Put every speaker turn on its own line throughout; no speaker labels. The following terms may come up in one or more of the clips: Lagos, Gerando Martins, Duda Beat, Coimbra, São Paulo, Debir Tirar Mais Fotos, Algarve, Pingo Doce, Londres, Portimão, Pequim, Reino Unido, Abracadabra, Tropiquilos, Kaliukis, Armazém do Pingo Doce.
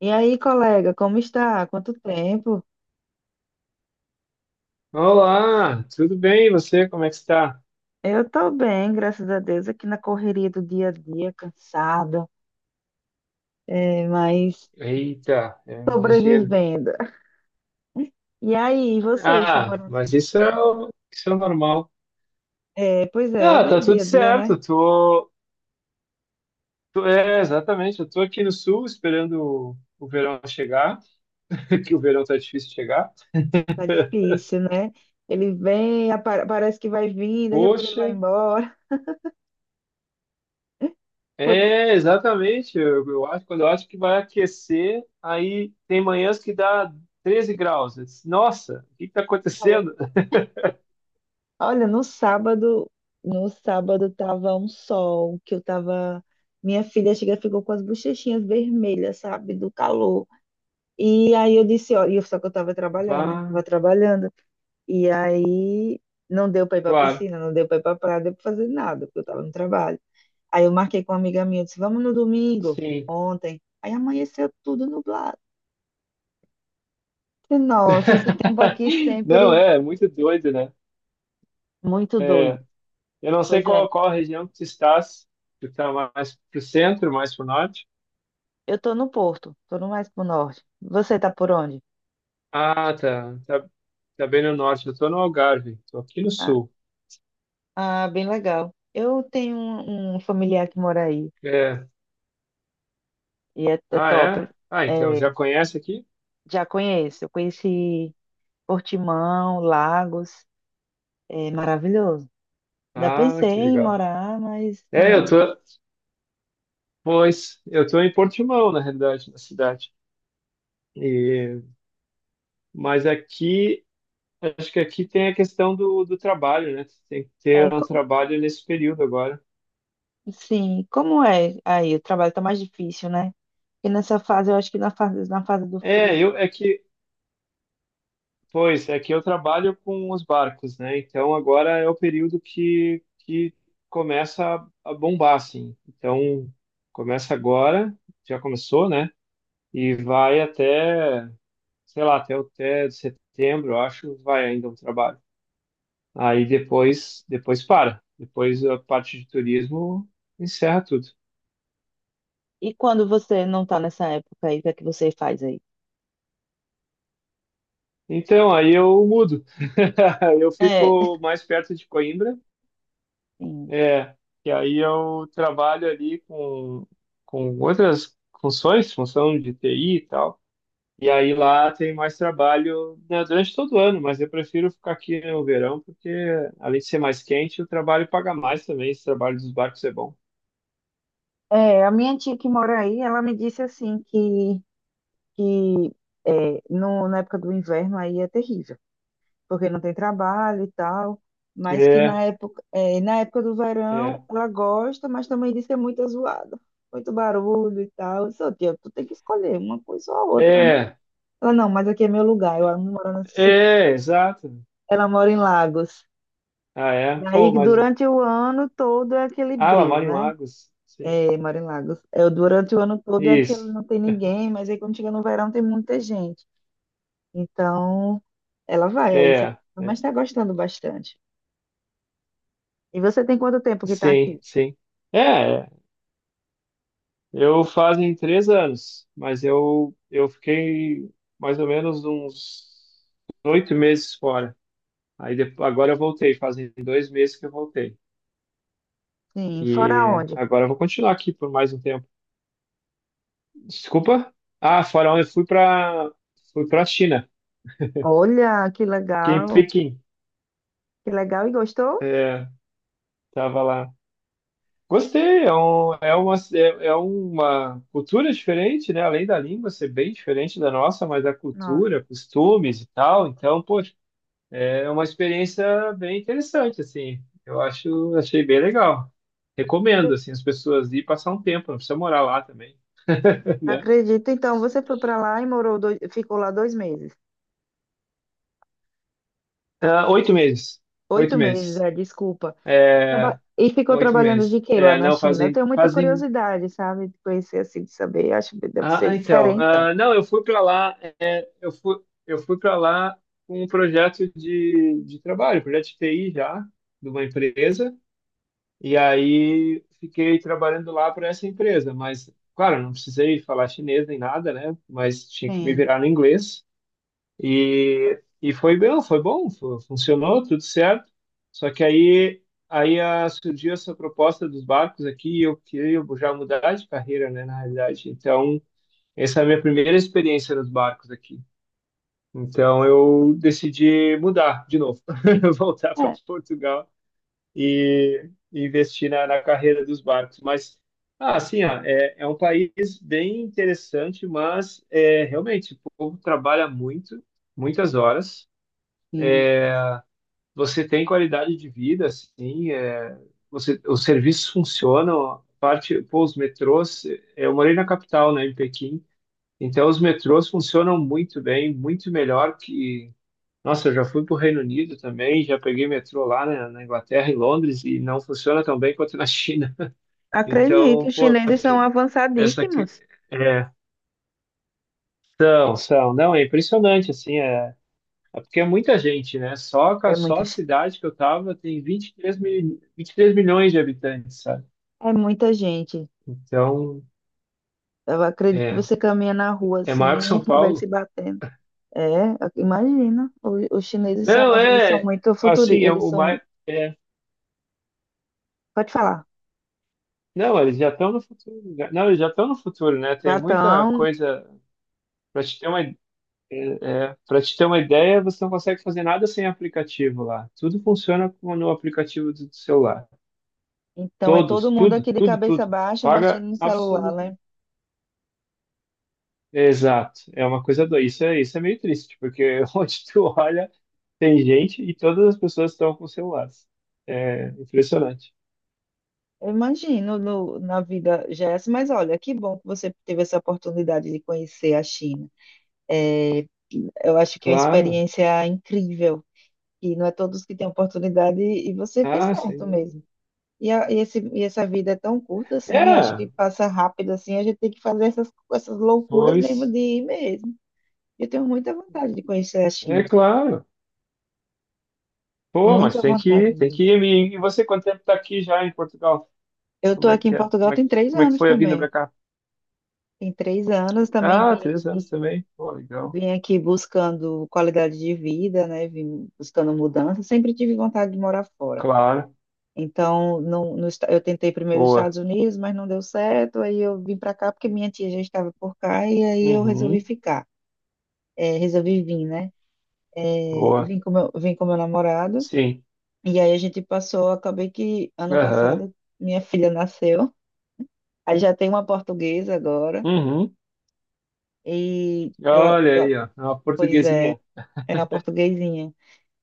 E aí, colega, como está? Quanto tempo?
Olá, tudo bem? E você, como é que está?
Eu estou bem, graças a Deus, aqui na correria do dia a dia, cansada, mas
Eita, eu imagino.
sobrevivendo. E aí, vocês estão
Ah,
morando?
mas isso é normal.
É, pois é,
Ah, tá tudo
dia a dia, né?
certo. Exatamente. Eu tô aqui no sul esperando o verão chegar, que o verão tá difícil de chegar.
Tá difícil, né? Ele vem, parece que vai vir, daqui a pouco ele
Poxa,
vai embora. Pois
é, exatamente. Eu acho, quando eu acho que vai aquecer, aí tem manhãs que dá 13 graus. Eu disse, nossa, o que que tá
falou.
acontecendo?
Olha, no sábado, no sábado tava um sol, que eu tava. Minha filha chega, ficou com as bochechinhas vermelhas, sabe? Do calor. E aí eu disse, ó, só que eu estava trabalhando, né? Estava
Bah,
trabalhando. E aí não deu para ir para a
claro,
piscina, não deu para ir para a praia, não deu para fazer nada, porque eu estava no trabalho. Aí eu marquei com uma amiga minha, eu disse, vamos no domingo,
sim.
ontem. Aí amanheceu tudo nublado. E, nossa, esse tempo aqui
Não,
sempre
é muito doido, né?
muito doido.
É, eu não sei
Pois é,
qual a região que tu estás. Tu tá mais pro centro, mais pro norte?
eu tô no Porto, tô no mais pro norte. Você tá por onde?
Ah, tá. Tá, tá bem no norte. Eu tô no Algarve. Tô aqui no
Ah,
sul.
ah, bem legal. Eu tenho um familiar que mora aí,
É.
e é, é
Ah,
top.
é? Ah, então, já
É,
conhece aqui?
já conheço, eu conheci Portimão, Lagos, é maravilhoso. Ainda
Ah,
pensei
que
em
legal.
morar, mas
É, eu
não.
tô... Pois, eu tô em Portimão, na realidade, na cidade. E, mas aqui, acho que aqui tem a questão do trabalho, né? Tem que
É,
ter um
como,
trabalho nesse período agora.
sim, como é aí? O trabalho tá mais difícil, né? E nessa fase, eu acho que na fase do
É,
frio.
eu é que Pois é que eu trabalho com os barcos, né? Então agora é o período que começa a bombar, assim. Então começa agora, já começou, né? E vai até, sei lá, até, o até setembro, eu acho, vai ainda o trabalho. Aí depois, depois para. Depois a parte de turismo encerra tudo.
E quando você não tá nessa época aí, o que é que você faz aí?
Então aí eu mudo. Eu
É,
fico mais perto de Coimbra.
sim.
É, e aí eu trabalho ali com outras funções, função de TI e tal. E aí lá tem mais trabalho, né, durante todo o ano, mas eu prefiro ficar aqui no verão, porque além de ser mais quente, o trabalho paga mais também. Esse trabalho dos barcos é bom.
A minha tia que mora aí, ela me disse assim que é, no, na época do inverno aí é terrível. Porque não tem trabalho e tal, mas que
É,
na época do
é,
verão ela gosta, mas também diz que é muito zoada, muito barulho e tal. Eu disse, "Ô, tia, tu tem que escolher uma coisa ou a outra, né?"
é,
Ela, não, mas aqui é meu lugar, eu não moro nessa cidade.
é, exato.
Ela mora em Lagos.
Ah, é?
E aí,
Pô, mas.
durante o ano todo é aquele
Ah, ela
breu,
mora em
né?
Lagos. Sim.
É, mora em Lagos. É, durante o ano todo é aquele
Isso.
não tem ninguém, mas aí quando chega no verão tem muita gente. Então, ela vai aí,
É,
mas
é.
está gostando bastante. E você tem quanto tempo que está
Sim,
aqui?
sim. É, é. Eu fazem 3 anos, mas eu fiquei mais ou menos uns 8 meses fora. Aí depois, agora eu voltei, fazem 2 meses que eu voltei.
Sim, fora
E
onde?
agora eu vou continuar aqui por mais um tempo. Desculpa? Ah, fora onde eu fui para fui para China,
Olha, que
fiquei em
legal.
Pequim.
Que legal e gostou?
É, tava lá. Gostei, é uma cultura diferente, né? Além da língua ser bem diferente da nossa, mas a
Nossa,
cultura, costumes e tal. Então, pô, é uma experiência bem interessante, assim. Eu acho, achei bem legal. Recomendo,
acre-
assim, as pessoas ir passar um tempo, não precisa morar lá também, né?
acredito. Então, você foi para lá e morou dois, ficou lá dois meses.
Ah, 8 meses. Oito
Oito meses,
meses.
é, desculpa.
É,
E ficou
oito
trabalhando
meses.
de quê lá
É,
na
não,
China? Eu
fazem,
tenho muita
fazem...
curiosidade, sabe? De conhecer assim, de saber. Acho que deve ser diferente, então.
Não, eu fui para lá, eu fui para lá com um projeto de trabalho, projeto de TI já, de uma empresa, e aí fiquei trabalhando lá para essa empresa, mas claro, não precisei falar chinês nem nada, né? Mas tinha que me
Sim.
virar no inglês. E foi bem, foi bom, funcionou, tudo certo. Só que surgiu essa proposta dos barcos aqui e eu queria já mudar de carreira, né, na realidade. Então, essa é a minha primeira experiência nos barcos aqui. Então, eu decidi mudar de novo, voltar para
É,
Portugal e investir na, na carreira dos barcos. Mas, ah, assim, ó, é, é um país bem interessante, mas é, realmente o povo trabalha muito, muitas horas.
sim.
Você tem qualidade de vida, assim, é, você, os serviços funcionam. A parte, pô, os metrôs, eu morei na capital, né, em Pequim, então os metrôs funcionam muito bem, muito melhor que. Nossa, eu já fui para o Reino Unido também, já peguei metrô lá na, na Inglaterra, em Londres, e não funciona tão bem quanto na China.
Acredito.
Então,
Os
pô,
chineses são
essa que
avançadíssimos.
é, são, são, não, é impressionante assim, é, é porque é muita gente, né?
É
Só
muita,
a
ge-
cidade que eu tava tem 23 mil, 23 milhões de habitantes, sabe?
É muita gente.
Então,
Eu acredito que
é,
você caminha na rua
é maior que
assim
São
e vai se
Paulo.
batendo. É, imagina. Os chineses são,
Não,
mas eles são
é
muito
assim,
futuristas.
é
Eles
o mais
são.
é,
Pode falar.
não, eles já estão no futuro. Né? Não, eles já estão no futuro, né?
Já
Tem muita
estão.
coisa para te ter uma é, para te ter uma ideia, você não consegue fazer nada sem aplicativo lá. Tudo funciona no aplicativo do celular.
Então é todo
Todos,
mundo
tudo,
aqui de
tudo,
cabeça
tudo.
baixa, mexendo
Paga
no celular, né?
absolutamente. Exato. É uma coisa doida. Isso é meio triste, porque onde tu olha, tem gente e todas as pessoas estão com celulares. É impressionante.
Eu imagino na vida, Jess, mas olha, que bom que você teve essa oportunidade de conhecer a China. Eu acho que é uma
Claro.
experiência incrível, e não é todos que têm oportunidade, e você fez
Ah, sem
certo
dúvida.
mesmo. E, e essa vida é tão curta assim, eu acho
É,
que passa rápido assim, a gente tem que fazer essas loucuras mesmo
pois,
de ir mesmo. Eu tenho muita vontade de conhecer a
é
China.
claro. Pô, mas
Muita
tem que
vontade
ir, tem que
mesmo.
ir. E você, quanto tempo tá aqui já em Portugal?
Eu estou
Como é
aqui em
que é?
Portugal tem três
Como é que
anos
foi a vinda
também.
pra cá?
Tem três anos também
Ah, 3 anos também. Pô, legal.
vim aqui buscando qualidade de vida, né? Vim buscando mudança. Sempre tive vontade de morar fora.
Claro.
Então, não, no esta- eu tentei primeiro nos
Boa.
Estados Unidos, mas não deu certo. Aí eu vim para cá porque minha tia já estava por cá e aí eu resolvi
Uhum.
ficar. É, resolvi vir, né? É,
Boa.
vim com meu namorado.
Sim.
E aí a gente passou, acabei que ano
Aham.
passado minha filha nasceu. Aí já tem uma portuguesa agora.
Uhum.
E ela,
Olha
ela,
aí, ó. É uma
pois é,
portuguesinha.
é uma portuguesinha.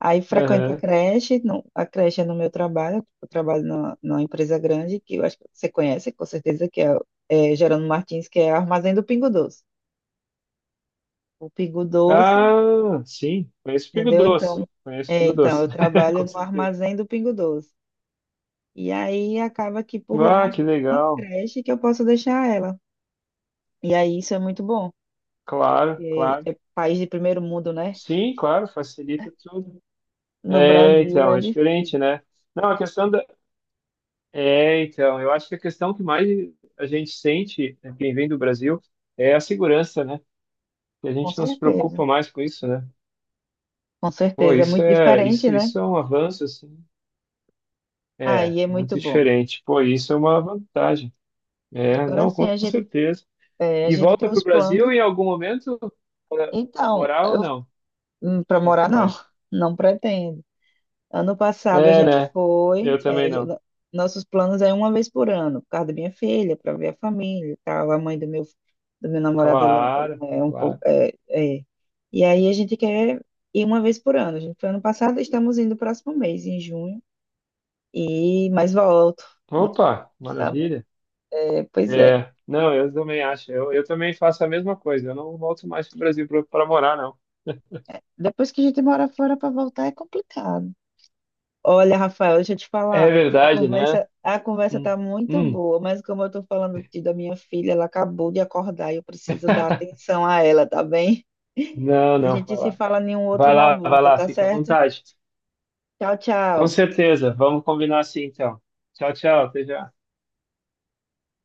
Aí frequenta a
Aham.
creche, não, a creche é no meu trabalho, eu trabalho numa empresa grande, que eu acho que você conhece, com certeza, é Gerando Martins, que é Armazém do Pingo Doce. O Pingo Doce,
Ah, sim. Conheço Pingo
entendeu?
Doce.
Então,
Conheço Pingo
então
Doce.
eu trabalho
Com
no
certeza.
Armazém do Pingo Doce. E aí acaba que por lá
Ah, que
tem uma
legal.
creche que eu posso deixar ela. E aí isso é muito bom,
Claro,
porque
claro.
é país de primeiro mundo, né?
Sim, claro, facilita tudo.
No
É,
Brasil
então,
é
é
difícil,
diferente, né? Não, a questão da. É, então, eu acho que a questão que mais a gente sente, né, quem vem do Brasil, é a segurança, né? E a
com
gente não se
certeza,
preocupa mais com isso, né?
com
Pô,
certeza. É muito diferente, né?
isso é um avanço, assim. É,
Aí é muito
muito
bom.
diferente. Pô, isso é uma vantagem. É,
Agora
não,
sim,
com certeza.
a
E
gente tem
volta para
os
o Brasil
planos.
em algum momento para
Então,
morar ou
eu
não? O
para
que que
morar
tu
não,
acha?
não pretendo. Ano passado a
É,
gente
né? Eu
foi,
também
é,
não.
jo- Nossos planos é uma vez por ano, por causa da minha filha, para ver a família e tal. A mãe do meu namorado, ela,
Claro,
ela é um pouco.
claro.
É, é. E aí a gente quer ir uma vez por ano. A gente foi ano passado, estamos indo no próximo mês, em junho, e mais volto. Não,
Opa,
sabe?
maravilha.
É, pois é.
É, não, eu também acho. Eu também faço a mesma coisa. Eu não volto mais para o Brasil para morar, não.
Depois que a gente mora fora para voltar é complicado. Olha, Rafael, deixa eu te
É
falar.
verdade, né?
A conversa
Hum,
tá muito
hum.
boa, mas como eu tô falando da minha filha, ela acabou de acordar e eu preciso dar atenção a ela, tá bem?
Não,
A
não, vai
gente se
lá.
fala em um outro
Vai lá, vai
momento,
lá,
tá
fica à
certo?
vontade.
Tchau,
Com
tchau.
certeza. Vamos combinar assim, então. Tchau, tchau, até já.